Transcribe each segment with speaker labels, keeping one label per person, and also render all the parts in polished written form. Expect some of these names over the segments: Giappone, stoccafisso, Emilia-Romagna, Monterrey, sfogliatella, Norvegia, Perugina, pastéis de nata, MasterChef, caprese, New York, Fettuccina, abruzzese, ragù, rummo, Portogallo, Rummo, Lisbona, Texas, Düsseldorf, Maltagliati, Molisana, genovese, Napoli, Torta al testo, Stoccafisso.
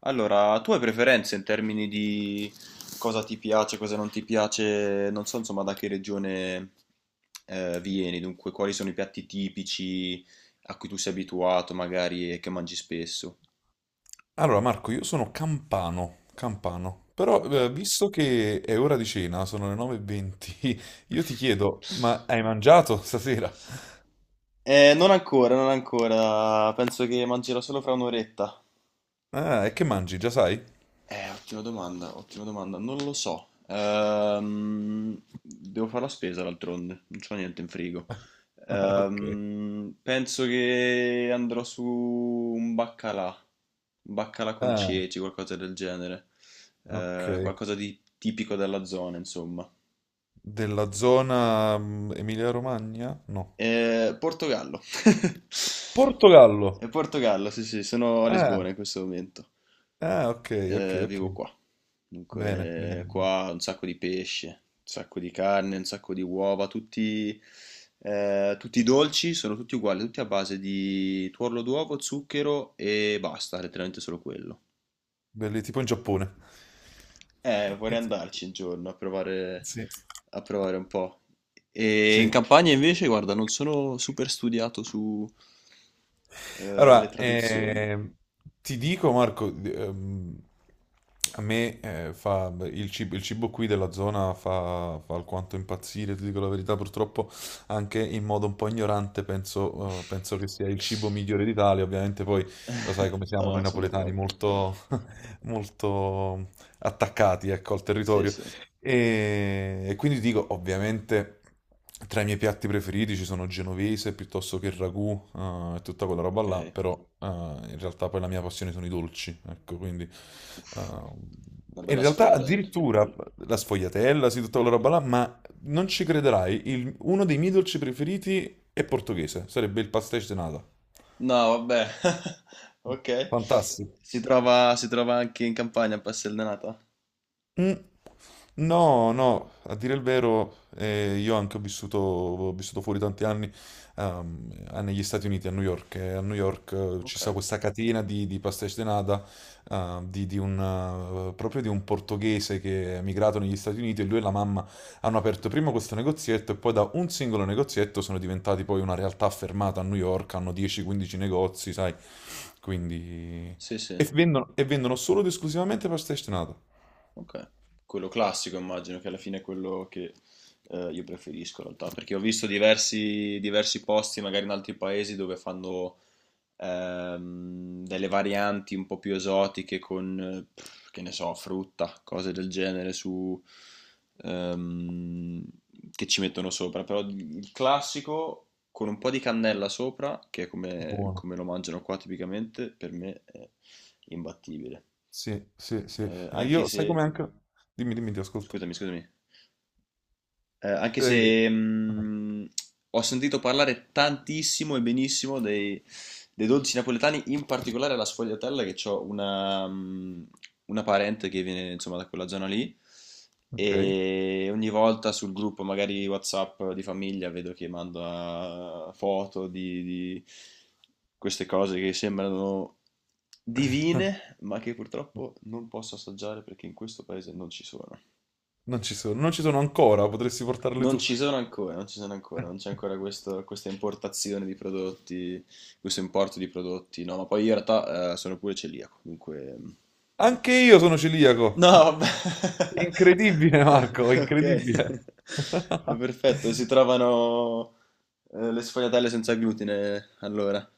Speaker 1: Allora, tu hai preferenze in termini di cosa ti piace, cosa non ti piace, non so insomma da che regione vieni, dunque quali sono i piatti tipici a cui tu sei abituato magari e che mangi spesso.
Speaker 2: Allora Marco, io sono campano, campano, però
Speaker 1: Ok.
Speaker 2: eh, visto che è ora di cena, sono le 9:20, io ti chiedo, ma hai mangiato stasera?
Speaker 1: Non ancora, non ancora, penso che mangerò solo fra un'oretta.
Speaker 2: Ah, e che mangi, già sai?
Speaker 1: Ottima domanda, ottima domanda, non lo so. Devo fare la spesa d'altronde, non c'ho niente in frigo.
Speaker 2: Ok.
Speaker 1: Penso che andrò su un baccalà con
Speaker 2: Ah,
Speaker 1: ceci, qualcosa del genere,
Speaker 2: ok.
Speaker 1: qualcosa di tipico della zona, insomma.
Speaker 2: Della zona Emilia-Romagna? No.
Speaker 1: Portogallo.
Speaker 2: Portogallo!
Speaker 1: Portogallo, sì, sì, sono a Lisbona
Speaker 2: Ah,
Speaker 1: in questo momento.
Speaker 2: ah, ok, ok, ok.
Speaker 1: Vivo qua.
Speaker 2: Bene, bene,
Speaker 1: Dunque,
Speaker 2: bene.
Speaker 1: qua un sacco di pesce, un sacco di carne, un sacco di uova, tutti, tutti i dolci sono tutti uguali, tutti a base di tuorlo d'uovo, zucchero e basta, letteralmente solo quello.
Speaker 2: Belli, tipo in Giappone.
Speaker 1: Vorrei andarci un giorno
Speaker 2: Sì.
Speaker 1: a provare un po'. E in
Speaker 2: Sì.
Speaker 1: campagna invece, guarda, non sono super studiato su, le
Speaker 2: Allora,
Speaker 1: tradizioni.
Speaker 2: ti dico Marco, a me fa il cibo qui della zona fa alquanto impazzire, ti dico la verità, purtroppo anche in modo un po' ignorante penso, penso che sia il cibo migliore d'Italia, ovviamente poi lo sai come
Speaker 1: No,
Speaker 2: siamo noi
Speaker 1: no, sono
Speaker 2: napoletani,
Speaker 1: d'accordo.
Speaker 2: molto, molto attaccati ecco, al
Speaker 1: Sì,
Speaker 2: territorio.
Speaker 1: sì,
Speaker 2: E quindi ti dico, ovviamente, tra i miei piatti preferiti ci sono genovese piuttosto che il ragù e tutta quella roba
Speaker 1: ok.
Speaker 2: là, però in realtà poi la mia passione sono i dolci, ecco, quindi.
Speaker 1: Uff,
Speaker 2: eh,
Speaker 1: una
Speaker 2: e in
Speaker 1: bella
Speaker 2: realtà
Speaker 1: sfogliatella.
Speaker 2: addirittura la sfogliatella, sì, tutta quella roba là, ma non ci crederai, uno dei miei dolci preferiti è portoghese, sarebbe il pastéis de nata.
Speaker 1: No, vabbè. Ok.
Speaker 2: Fantastico.
Speaker 1: Si trova anche in campagna a Passeldenata?
Speaker 2: Mm. No, no, a dire il vero, io anche ho vissuto fuori tanti anni negli Stati Uniti, a New York. E a New York, ci
Speaker 1: Ok.
Speaker 2: sta questa catena di pastéis de nata, eh, di- di un, proprio di un portoghese che è emigrato negli Stati Uniti e lui e la mamma hanno aperto prima questo negozietto e poi da un singolo negozietto sono diventati poi una realtà affermata a New York, hanno 10-15 negozi, sai, quindi.
Speaker 1: Sì, sì.
Speaker 2: E vendono solo ed esclusivamente pastéis de nata.
Speaker 1: Ok. Quello classico immagino che alla fine è quello che io preferisco in realtà, perché ho visto diversi, diversi posti magari in altri paesi dove fanno delle varianti un po' più esotiche con, che ne so, frutta, cose del genere su, ehm, che ci mettono sopra. Però il classico con un po' di cannella sopra, che è come,
Speaker 2: Buono.
Speaker 1: come lo mangiano qua tipicamente, per me è imbattibile.
Speaker 2: Sì, sì, sì. E
Speaker 1: Anche
Speaker 2: io, sai come
Speaker 1: se,
Speaker 2: anche. Dimmi, dimmi, ti ascolto.
Speaker 1: scusami, scusami. Anche
Speaker 2: Eh,
Speaker 1: se ho sentito parlare tantissimo e benissimo dei, dei dolci napoletani, in particolare la sfogliatella, che ho una parente che viene insomma da quella zona lì.
Speaker 2: ok.
Speaker 1: E ogni volta sul gruppo, magari WhatsApp di famiglia, vedo che manda foto di queste cose che sembrano divine, ma che purtroppo non posso assaggiare perché in questo paese non ci sono.
Speaker 2: Non ci sono, non ci sono ancora, potresti portarle
Speaker 1: Non
Speaker 2: tu.
Speaker 1: ci sono ancora, non ci sono ancora, non c'è ancora questa importazione di prodotti, questo importo di prodotti, no, ma poi io in realtà sono pure celiaco, dunque...
Speaker 2: Anche io sono celiaco.
Speaker 1: No, vabbè. Ok,
Speaker 2: Incredibile, Marco, incredibile.
Speaker 1: è perfetto, si trovano le sfogliatelle senza glutine, allora.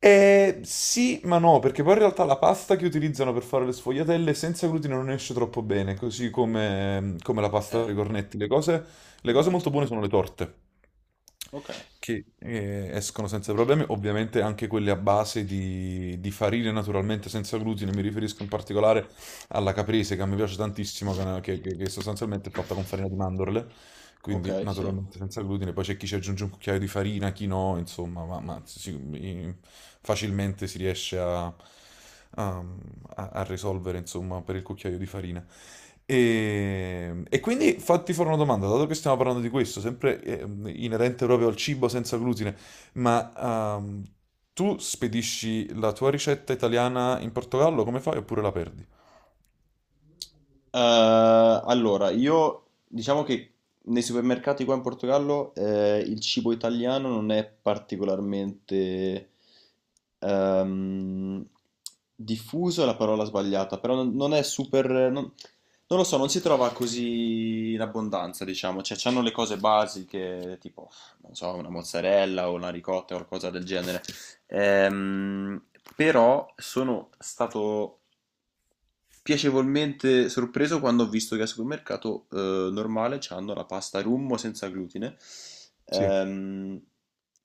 Speaker 2: Sì, ma no, perché poi in realtà la pasta che utilizzano per fare le sfogliatelle senza glutine non esce troppo bene, così come la pasta
Speaker 1: Eh,
Speaker 2: per i cornetti. Le cose molto
Speaker 1: immagino.
Speaker 2: buone sono le torte,
Speaker 1: Ok,
Speaker 2: che escono senza problemi, ovviamente anche quelle a base di farine naturalmente senza glutine, mi riferisco in particolare alla caprese che a me piace tantissimo, che, è una- che sostanzialmente è fatta con farina di mandorle, quindi
Speaker 1: ok, sì.
Speaker 2: naturalmente senza glutine. Poi c'è chi ci aggiunge un cucchiaio di farina, chi no, insomma, facilmente si riesce a risolvere, insomma, per il cucchiaio di farina. E quindi fatti fare una domanda, dato che stiamo parlando di questo, sempre inerente proprio al cibo senza glutine, ma tu spedisci la tua ricetta italiana in Portogallo, come fai oppure la perdi?
Speaker 1: Eh, allora, io diciamo che nei supermercati qua in Portogallo il cibo italiano non è particolarmente ehm, diffuso, è la parola sbagliata, però non, non è super... Non, non lo so, non si trova così in abbondanza, diciamo, cioè c'hanno le cose basiche, tipo, non so, una mozzarella o una ricotta o qualcosa del genere. Ehm, Però sono stato piacevolmente sorpreso quando ho visto che al supermercato normale c'hanno la pasta rummo senza glutine,
Speaker 2: Sì.
Speaker 1: ehm,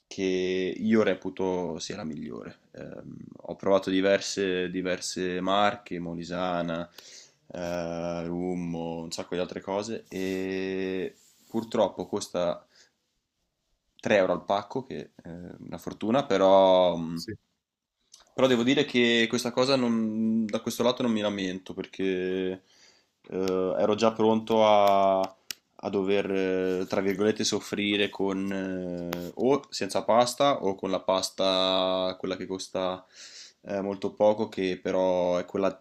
Speaker 1: che io reputo sia la migliore. Ho provato diverse, diverse marche, Molisana, rummo, un sacco di altre cose e purtroppo costa 3 € al pacco, che è una fortuna, però,
Speaker 2: Sì,
Speaker 1: però devo dire che questa cosa non- da questo lato non mi lamento perché eh, ero già pronto a, a dover, tra virgolette, soffrire con o senza pasta o con la pasta, quella che costa molto poco, che però è quella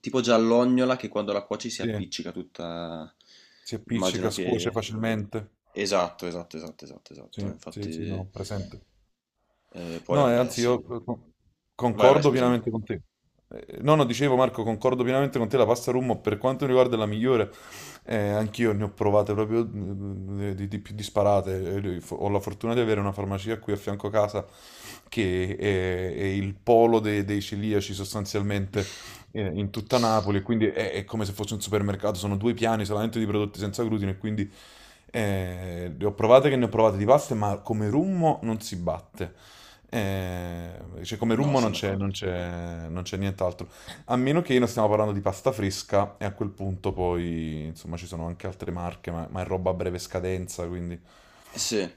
Speaker 1: tipo giallognola che quando la cuoci si
Speaker 2: sì,
Speaker 1: appiccica tutta.
Speaker 2: si
Speaker 1: Immagino
Speaker 2: appiccica, scuoce
Speaker 1: che
Speaker 2: facilmente.
Speaker 1: esatto, esatto, esatto, esatto, esatto.
Speaker 2: Sì, sì, sì, no,
Speaker 1: Infatti,
Speaker 2: presente.
Speaker 1: poi
Speaker 2: No,
Speaker 1: vabbè,
Speaker 2: anzi,
Speaker 1: sì.
Speaker 2: io
Speaker 1: Vai, vai,
Speaker 2: concordo
Speaker 1: scusami.
Speaker 2: pienamente con te. No, no, dicevo Marco, concordo pienamente con te, la pasta rummo per quanto mi riguarda è la migliore. Anch'io ne ho provate proprio di più disparate. Ho la fortuna di avere una farmacia qui a fianco a casa che è il polo dei celiaci sostanzialmente in tutta Napoli, quindi è come se fosse un supermercato, sono due piani solamente di prodotti senza glutine, e quindi le ho provate che ne ho provate di paste, ma come rummo non si batte. Cioè, come
Speaker 1: No,
Speaker 2: rummo
Speaker 1: sono d'accordo.
Speaker 2: non c'è nient'altro. A meno che non stiamo parlando di pasta fresca, e a quel punto poi, insomma, ci sono anche altre marche, ma è roba a breve scadenza, quindi.
Speaker 1: Sì.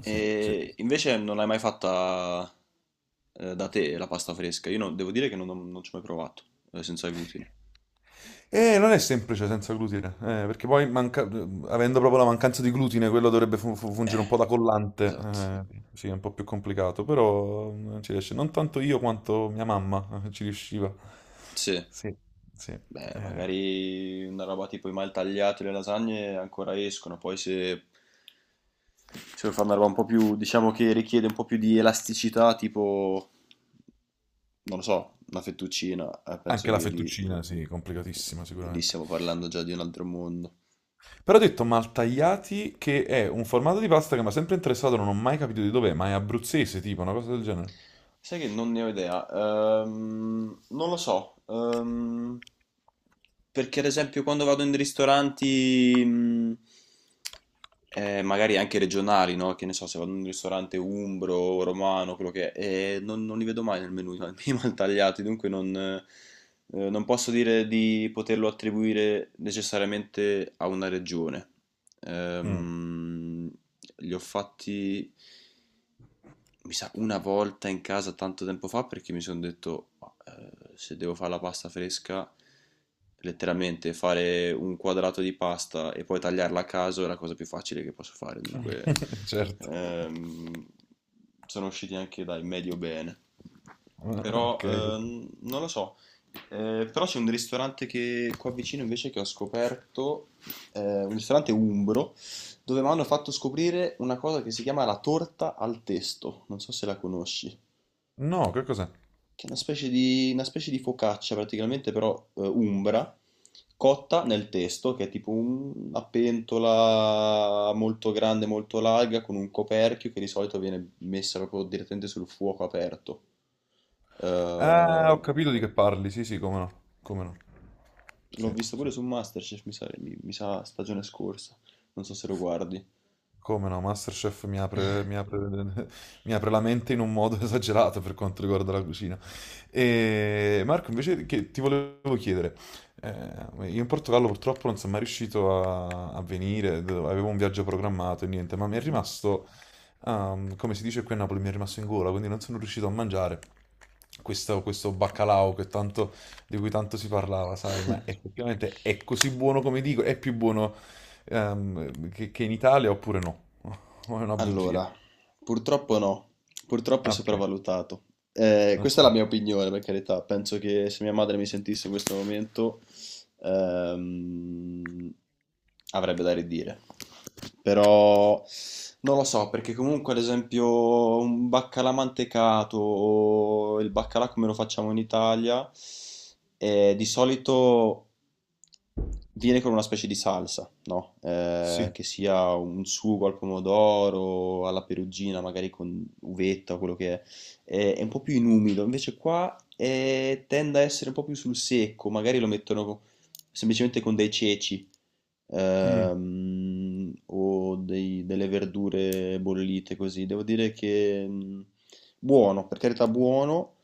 Speaker 2: Sì, sì.
Speaker 1: E invece non l'hai mai fatta da te la pasta fresca? Io non- devo dire che non, non ci ho mai provato, senza glutine.
Speaker 2: Non è semplice senza glutine, perché poi avendo proprio la mancanza di glutine, quello dovrebbe fungere
Speaker 1: Eh,
Speaker 2: un po' da collante.
Speaker 1: esatto.
Speaker 2: Sì, è un po' più complicato, però non ci riesce. Non tanto io quanto mia mamma ci riusciva.
Speaker 1: Sì.
Speaker 2: Sì, sì.
Speaker 1: Beh,
Speaker 2: Eh.
Speaker 1: magari una roba tipo i maltagliati e le lasagne ancora escono, poi se, se vuoi fare una roba un po' più, diciamo che richiede un po' più di elasticità, tipo, non lo so, una fettuccina, penso
Speaker 2: Anche la
Speaker 1: che lì,
Speaker 2: fettuccina, sì, complicatissima
Speaker 1: lì
Speaker 2: sicuramente.
Speaker 1: stiamo parlando già di un altro mondo.
Speaker 2: Però ho detto maltagliati, che è un formato di pasta che mi ha sempre interessato, non ho mai capito di dov'è, ma è abruzzese, tipo, una cosa del genere.
Speaker 1: Sai che non ne ho idea. Non lo so. Perché ad esempio quando vado in ristoranti, magari anche regionali, no? Che ne so, se vado in un ristorante umbro, romano, quello che è, non, non li vedo mai nel menù, i maltagliati, dunque non, non posso dire di poterlo attribuire necessariamente a una regione.
Speaker 2: Mm.
Speaker 1: Ehm, mh, li ho fatti, mi sa, una volta in casa tanto tempo fa perché mi sono detto, "Ma, se devo fare la pasta fresca, letteralmente fare un quadrato di pasta e poi tagliarla a caso è la cosa più facile che posso fare. Dunque,
Speaker 2: Certo.
Speaker 1: ehm, sono usciti anche dai medio bene. Però
Speaker 2: Ok.
Speaker 1: non lo so. Però c'è un ristorante che qua vicino invece che ho scoperto, un ristorante umbro dove mi hanno fatto scoprire una cosa che si chiama la torta al testo, non so se la conosci,
Speaker 2: No, che cos'è?
Speaker 1: che è una specie di focaccia praticamente, però umbra, cotta nel testo, che è tipo una pentola molto grande, molto larga, con un coperchio che di solito viene messa proprio direttamente sul fuoco aperto.
Speaker 2: Ah,
Speaker 1: Eh,
Speaker 2: ho capito di che parli, sì, sì, come no. Come no.
Speaker 1: L'ho
Speaker 2: Sì,
Speaker 1: visto
Speaker 2: sì.
Speaker 1: pure su MasterChef, mi sa, mi sa stagione scorsa, non so se lo guardi.
Speaker 2: Come no, MasterChef mi apre, mi apre la mente in un modo esagerato per quanto riguarda la cucina. E Marco, invece che ti volevo chiedere, io in Portogallo purtroppo non sono mai riuscito a venire, avevo un viaggio programmato e niente, ma mi è
Speaker 1: Mhm.
Speaker 2: rimasto, come si dice qui a Napoli, mi è rimasto in gola, quindi non sono riuscito a mangiare questo baccalà che tanto, di cui tanto si parlava, sai, ma effettivamente è così buono come dico, è più buono che in Italia oppure no? O è una bugia?
Speaker 1: Allora, purtroppo no, purtroppo è
Speaker 2: Ah, ok.
Speaker 1: sopravvalutato. Questa
Speaker 2: Ok.
Speaker 1: è la mia opinione, per carità. Penso che se mia madre mi sentisse in questo momento ehm, avrebbe da ridire. Però non lo so, perché comunque ad esempio un baccalà mantecato o il baccalà come lo facciamo in Italia, di solito viene con una specie di salsa, no?
Speaker 2: Sì.
Speaker 1: Che sia un sugo al pomodoro, alla perugina, magari con uvetta o quello che è. È un po' più inumido, invece qua tende a essere un po' più sul secco, magari lo mettono semplicemente con dei ceci
Speaker 2: Mm,
Speaker 1: delle verdure bollite così. Devo dire che buono, per carità buono,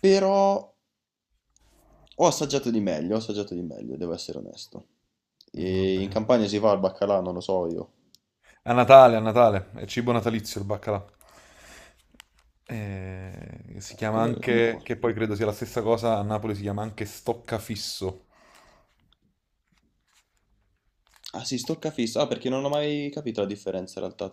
Speaker 1: però ho assaggiato di meglio, ho assaggiato di meglio, devo essere onesto.
Speaker 2: Va
Speaker 1: E in
Speaker 2: bene.
Speaker 1: Campania si fa il baccalà, non lo so io.
Speaker 2: A Natale, è cibo natalizio il baccalà. Si
Speaker 1: Ah,
Speaker 2: chiama
Speaker 1: come, come qua?
Speaker 2: anche, che poi credo sia la stessa cosa, a Napoli si chiama anche stoccafisso.
Speaker 1: Ah sì, stoccafisso. Ah, perché non ho mai capito la differenza in realtà